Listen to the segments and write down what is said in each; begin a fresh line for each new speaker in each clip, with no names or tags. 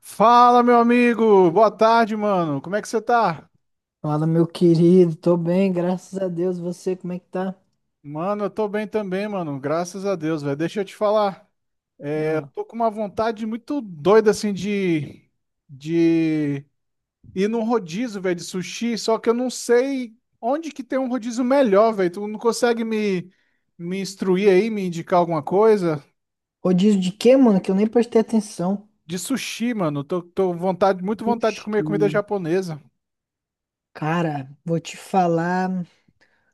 Fala, meu amigo! Boa tarde, mano. Como é que você tá?
Fala, meu querido, tô bem, graças a Deus. Você, como é que tá?
Mano, eu tô bem também, mano. Graças a Deus, velho. Deixa eu te falar. É, eu
Ah,
tô com uma vontade muito doida, assim, de ir num rodízio, velho, de sushi. Só que eu não sei onde que tem um rodízio melhor, velho. Tu não consegue me instruir aí, me indicar alguma coisa?
rodízio de quê, mano? Que eu nem prestei atenção.
De sushi, mano. Tô vontade, muito vontade de comer
Sushi.
comida japonesa.
Cara, vou te falar.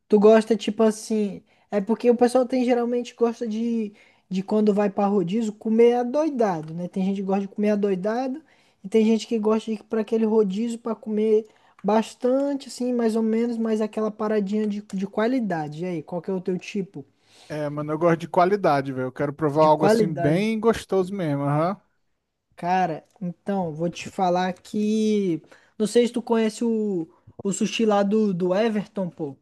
Tu gosta, tipo assim. É porque o pessoal tem geralmente gosta de quando vai pra rodízio comer adoidado, né? Tem gente que gosta de comer adoidado e tem gente que gosta de ir pra aquele rodízio pra comer bastante, assim, mais ou menos, mas aquela paradinha de qualidade. E aí, qual que é o teu tipo
É, mano, eu gosto de qualidade, velho. Eu quero provar
de
algo assim
qualidade?
bem gostoso mesmo, aham.
Cara, então, vou te falar que. Não sei se tu conhece o sushi lá do Everton, pô.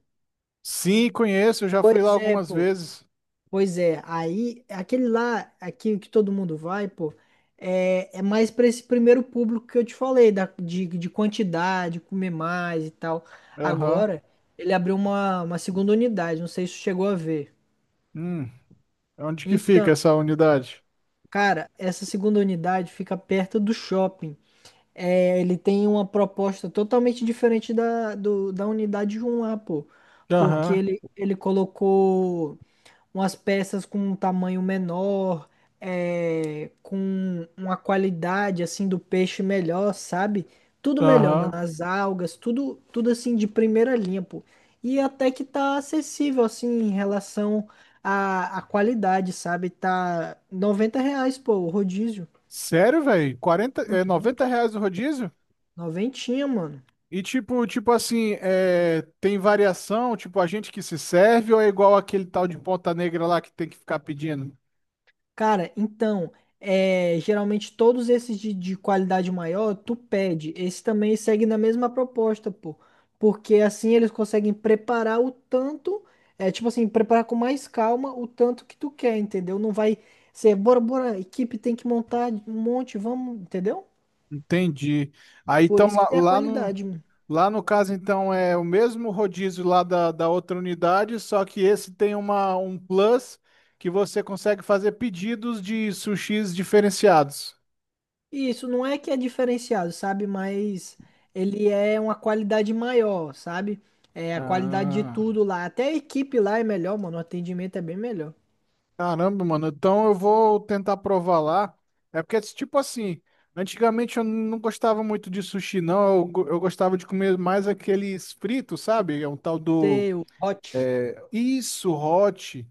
Sim, conheço, eu já fui lá
Pois é,
algumas
pô.
vezes.
Pois é. Aí, aquele lá, aqui que todo mundo vai, pô, é mais pra esse primeiro público que eu te falei, de quantidade, comer mais e tal.
Aham.
Agora, ele abriu uma segunda unidade, não sei se tu chegou a ver.
Hum, Onde que fica
Então,
essa unidade?
cara, essa segunda unidade fica perto do shopping. É, ele tem uma proposta totalmente diferente da unidade 1 lá, pô. Porque
Aham,
ele colocou umas peças com um tamanho menor, com uma qualidade assim do peixe melhor, sabe? Tudo melhor, mano.
aham.
As algas, tudo assim de primeira linha, pô. E até que tá acessível, assim, em relação à qualidade, sabe? Tá R$ 90, pô, o rodízio.
Sério, velho? 40? R$ 90 o rodízio?
Noventinha, mano.
E tipo assim, tem variação, tipo, a gente que se serve ou é igual aquele tal de Ponta Negra lá que tem que ficar pedindo?
Cara, então, geralmente todos esses de qualidade maior, tu pede. Esse também segue na mesma proposta, pô. Porque assim eles conseguem preparar o tanto, é tipo assim, preparar com mais calma o tanto que tu quer, entendeu? Não vai ser, bora, bora, equipe tem que montar um monte, vamos, entendeu?
Entendi. Aí
Por
então
isso que
lá,
tem a
lá no
qualidade.
lá no caso então é o mesmo rodízio lá da outra unidade, só que esse tem uma um plus que você consegue fazer pedidos de sushis diferenciados.
E isso não é que é diferenciado, sabe? Mas ele é uma qualidade maior, sabe? É a qualidade de
Ah,
tudo lá. Até a equipe lá é melhor, mano. O atendimento é bem melhor.
caramba, mano. Então eu vou tentar provar lá. É porque tipo assim, antigamente eu não gostava muito de sushi não, eu gostava de comer mais aqueles fritos, sabe? É um tal do
Seu hot.
isso, hot.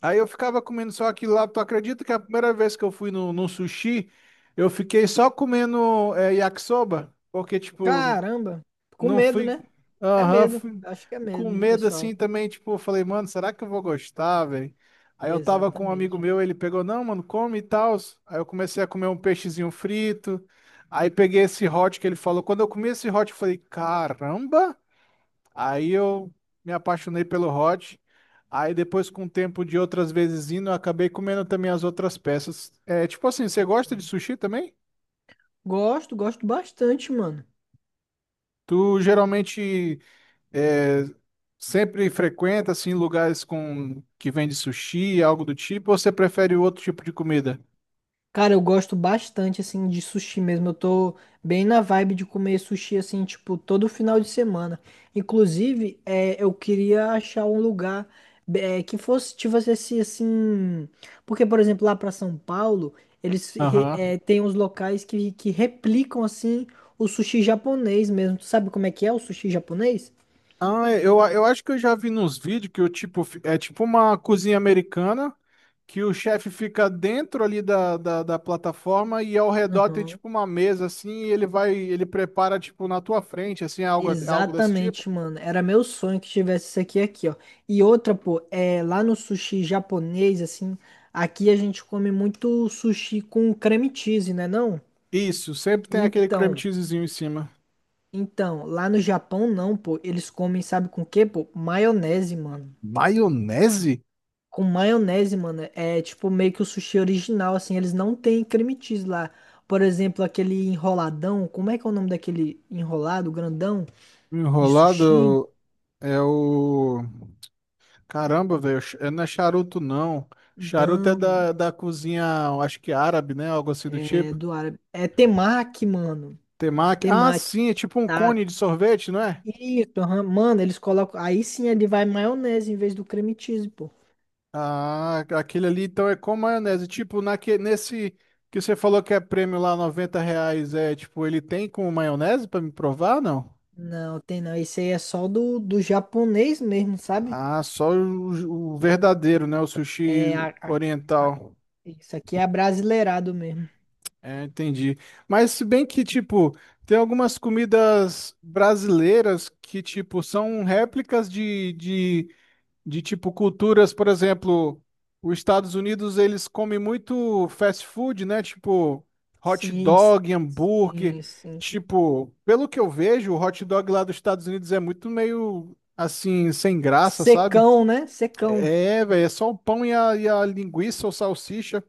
Aí eu ficava comendo só aquilo lá. Tu acredita que a primeira vez que eu fui no sushi, eu fiquei só comendo yakisoba? Porque, tipo,
Caramba. Com
não
medo,
fui.
né? É
Aham,
medo.
fui
Acho que é
com
medo do
medo
pessoal.
assim também. Tipo, eu falei, mano, será que eu vou gostar, velho? Aí eu tava com um amigo
Exatamente.
meu, ele pegou, não, mano, come e tal. Aí eu comecei a comer um peixezinho frito. Aí peguei esse hot que ele falou. Quando eu comi esse hot, eu falei, caramba! Aí eu me apaixonei pelo hot. Aí depois, com o tempo de outras vezes indo, eu acabei comendo também as outras peças. É, tipo assim, você gosta de sushi também?
Gosto, gosto bastante, mano.
Tu geralmente é, sempre frequenta assim lugares com que vende sushi, algo do tipo, ou você prefere outro tipo de comida?
Cara, eu gosto bastante, assim, de sushi mesmo. Eu tô bem na vibe de comer sushi, assim, tipo, todo final de semana. Inclusive, eu queria achar um lugar que fosse, tivesse esse, assim... Porque, por exemplo, lá pra São Paulo, eles
Aham.
têm uns locais que replicam, assim, o sushi japonês mesmo. Tu sabe como é que é o sushi japonês?
Ah, eu acho que eu já vi nos vídeos que o tipo é tipo uma cozinha americana, que o chefe fica dentro ali da plataforma e ao redor tem
Aham.
tipo uma mesa assim, e ele prepara tipo na tua frente, assim, algo desse tipo.
Exatamente, mano. Era meu sonho que tivesse isso aqui, ó. E outra, pô, é lá no sushi japonês, assim, aqui a gente come muito sushi com creme cheese, né, não?
Isso, sempre tem aquele cream
Então,
cheesezinho em cima.
então, lá no Japão não, pô. Eles comem, sabe com o quê, pô? Maionese, mano.
Maionese?
Com maionese, mano. Tipo meio que o sushi original, assim, eles não têm creme cheese lá. Por exemplo, aquele enroladão, como é que é o nome daquele enrolado grandão de sushi?
Enrolado é o. Caramba, velho, não é charuto não. Charuto é da cozinha, acho que árabe, né? Algo assim do
É,
tipo.
do árabe. É temaki, mano.
Temaki. Ah,
Temaki.
sim, é tipo um
Tá.
cone de sorvete, não é?
Isso, aham. Mano, eles colocam. Aí sim ele vai maionese em vez do creme cheese, pô.
Ah, aquele ali então é com maionese. Tipo, nesse que você falou que é prêmio lá, R$ 90, é tipo, ele tem com maionese pra me provar, não?
Não, tem não. Esse aí é só do japonês mesmo, sabe?
Ah, só o verdadeiro, né? O sushi
É a, a- a-
oriental.
Isso aqui é brasileirado mesmo.
É, entendi. Mas se bem que, tipo, tem algumas comidas brasileiras que, tipo, são réplicas de tipo culturas, por exemplo, os Estados Unidos eles comem muito fast food, né? Tipo hot
Sim,
dog, hambúrguer.
sim, sim.
Tipo, pelo que eu vejo, o hot dog lá dos Estados Unidos é muito meio assim, sem graça, sabe?
Secão, né? Secão.
É, velho, é só o pão e a linguiça ou salsicha.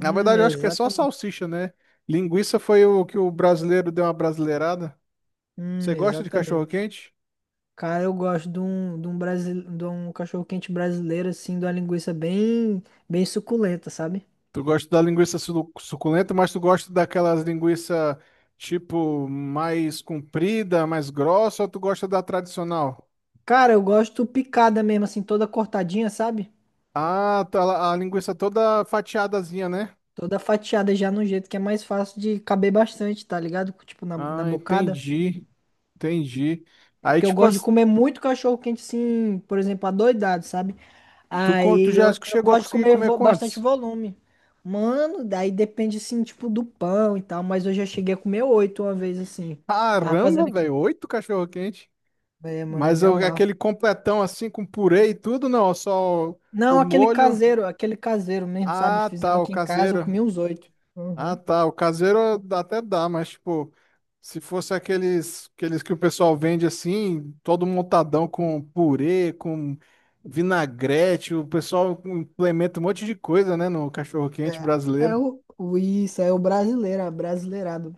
Na verdade, eu acho que é só
Exatamente.
salsicha, né? Linguiça foi o que o brasileiro deu uma brasileirada. Você gosta de cachorro
Exatamente.
quente?
Cara, eu gosto de um cachorro-quente brasileiro, assim, de uma linguiça bem, bem suculenta, sabe?
Tu gosta da linguiça suculenta, mas tu gosta daquelas linguiça tipo mais comprida, mais grossa, ou tu gosta da tradicional?
Cara, eu gosto picada mesmo, assim, toda cortadinha, sabe?
Ah, tá, a linguiça toda fatiadazinha, né?
Toda fatiada já no jeito que é mais fácil de caber bastante, tá ligado? Tipo, na
Ah,
bocada.
entendi. Entendi.
É
Aí,
porque eu
tipo,
gosto de comer muito cachorro-quente, assim, por exemplo, adoidado, sabe?
tu
Aí
já
eu
chegou a
gosto de
conseguir
comer
comer
bastante
quantos?
volume. Mano, daí depende, assim, tipo, do pão e tal, mas eu já cheguei a comer oito uma vez, assim. Tava
Caramba,
fazendo aqui.
velho, oito cachorro-quente.
É, mano, eu
Mas
me amarro.
aquele completão assim com purê e tudo, não, só o
Não,
molho.
aquele caseiro mesmo, sabe?
Ah,
Fizemos
tá, o
aqui em casa, eu comi
caseiro.
uns oito.
Ah,
Uhum.
tá. O caseiro dá até dá, mas tipo, se fosse aqueles, que o pessoal vende assim, todo montadão com purê, com vinagrete, o pessoal implementa um monte de coisa, né, no cachorro-quente
É, é
brasileiro.
o, o- isso, é o brasileiro, é brasileirado.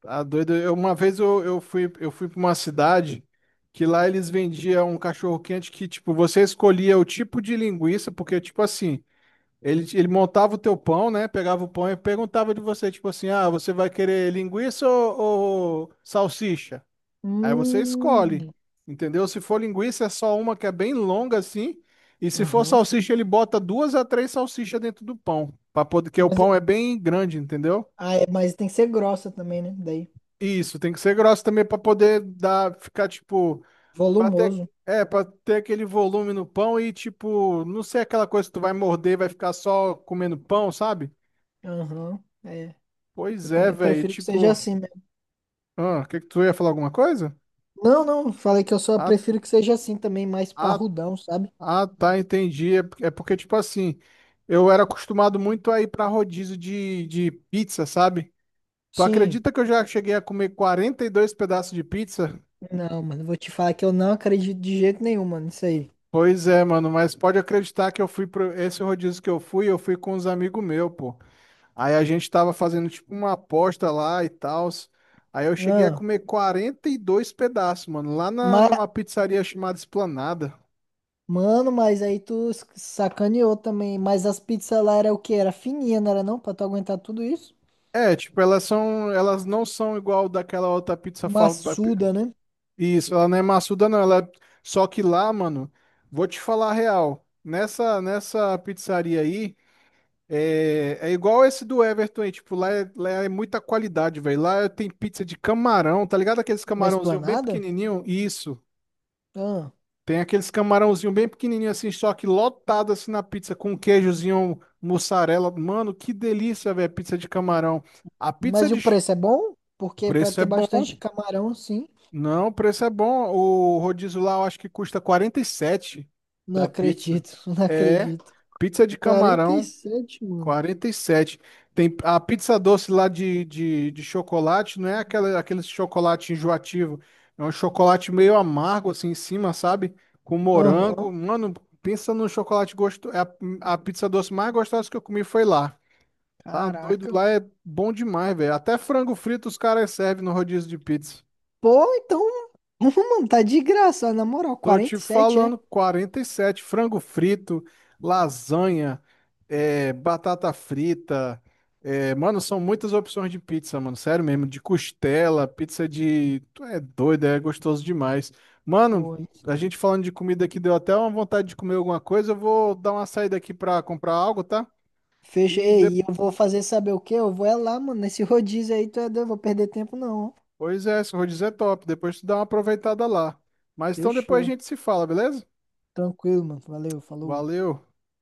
Tá doido. Uma vez eu fui para uma cidade que lá eles vendiam um cachorro-quente que, tipo, você escolhia o tipo de linguiça, porque, tipo assim. Ele montava o teu pão, né? Pegava o pão e perguntava de você, tipo assim, ah, você vai querer linguiça ou salsicha? Aí você escolhe,
Hum,
entendeu? Se for linguiça, é só uma que é bem longa assim, e se for
Aham.
salsicha, ele bota duas a três salsichas dentro do pão, para poder, que o
Mas,
pão é bem grande, entendeu?
mas tem que ser grossa também, né? Daí,
Isso, tem que ser grosso também para poder dar, ficar tipo, para ter,
volumoso.
para ter aquele volume no pão e tipo, não ser aquela coisa que tu vai morder, e vai ficar só comendo pão, sabe?
Aham. É, eu
Pois é,
também
velho.
prefiro que seja
Tipo,
assim mesmo.
ah, que tu ia falar alguma coisa?
Não, não, falei que eu só
Ah,
prefiro que seja assim também, mais
ah,
parrudão, sabe?
ah, tá, entendi. É porque, tipo assim, eu era acostumado muito a ir pra rodízio de pizza, sabe? Tu
Sim.
acredita que eu já cheguei a comer 42 pedaços de pizza?
Não, mano, vou te falar que eu não acredito de jeito nenhum, mano, isso aí.
Pois é, mano, mas pode acreditar que eu fui pro esse rodízio que eu fui com uns amigos meus, pô. Aí a gente tava fazendo tipo uma aposta lá e tal. Aí eu cheguei a
Ah,
comer 42 pedaços, mano, lá na,
mas
numa pizzaria chamada Esplanada.
Mano, mas aí tu sacaneou também. Mas as pizzas lá era o quê? Era fininha, não era não? Pra tu aguentar tudo isso?
É, tipo, elas não são igual daquela outra pizza.
Maçuda, né?
Isso, ela não é maçuda, não. Ela é... Só que lá, mano, vou te falar a real. Nessa pizzaria aí, é igual esse do Everton aí. Tipo, lá é muita qualidade, velho. Lá tem pizza de camarão, tá ligado? Aqueles
Na
camarãozinho bem
Esplanada?
pequenininho? Isso.
Ah.
Tem aqueles camarãozinho bem pequenininho assim, só que lotado assim na pizza com queijozinho, mussarela. Mano, que delícia, velho, pizza de camarão. A pizza
Mas e
de.
o preço é bom?
O
Porque pra
preço é
ter bastante
bom.
camarão, sim.
Não, o preço é bom. O rodízio lá eu acho que custa 47
Não
da pizza.
acredito, não
É,
acredito.
pizza de
quarenta e
camarão,
sete mano.
47. Tem a pizza doce lá de chocolate, não é aquele chocolate enjoativo. É um chocolate meio amargo assim em cima, sabe? Com
Aham.
morango. Mano, pensa num chocolate gostoso. A pizza doce mais gostosa que eu comi foi lá. Tá doido,
Caraca.
lá é bom demais, velho. Até frango frito os caras servem no rodízio de pizza.
Pô, então. Mano, tá de graça, na moral.
Tô te
47
falando,
é?
47 frango frito, lasanha, batata frita. Mano, são muitas opções de pizza, mano. Sério mesmo, de costela, pizza de. Tu é doido, é gostoso demais. Mano,
Pô, isso.
a gente falando de comida aqui deu até uma vontade de comer alguma coisa. Eu vou dar uma saída aqui pra comprar algo, tá?
Fecha.
E
Ei, e eu vou fazer saber o quê? Eu vou é lá, mano. Nesse rodízio aí, tu é doido, eu vou perder tempo, não.
depois se eu vou dizer top. Depois tu dá uma aproveitada lá. Mas então depois a
Fechou.
gente se fala, beleza?
Tranquilo, mano. Valeu, falou.
Valeu.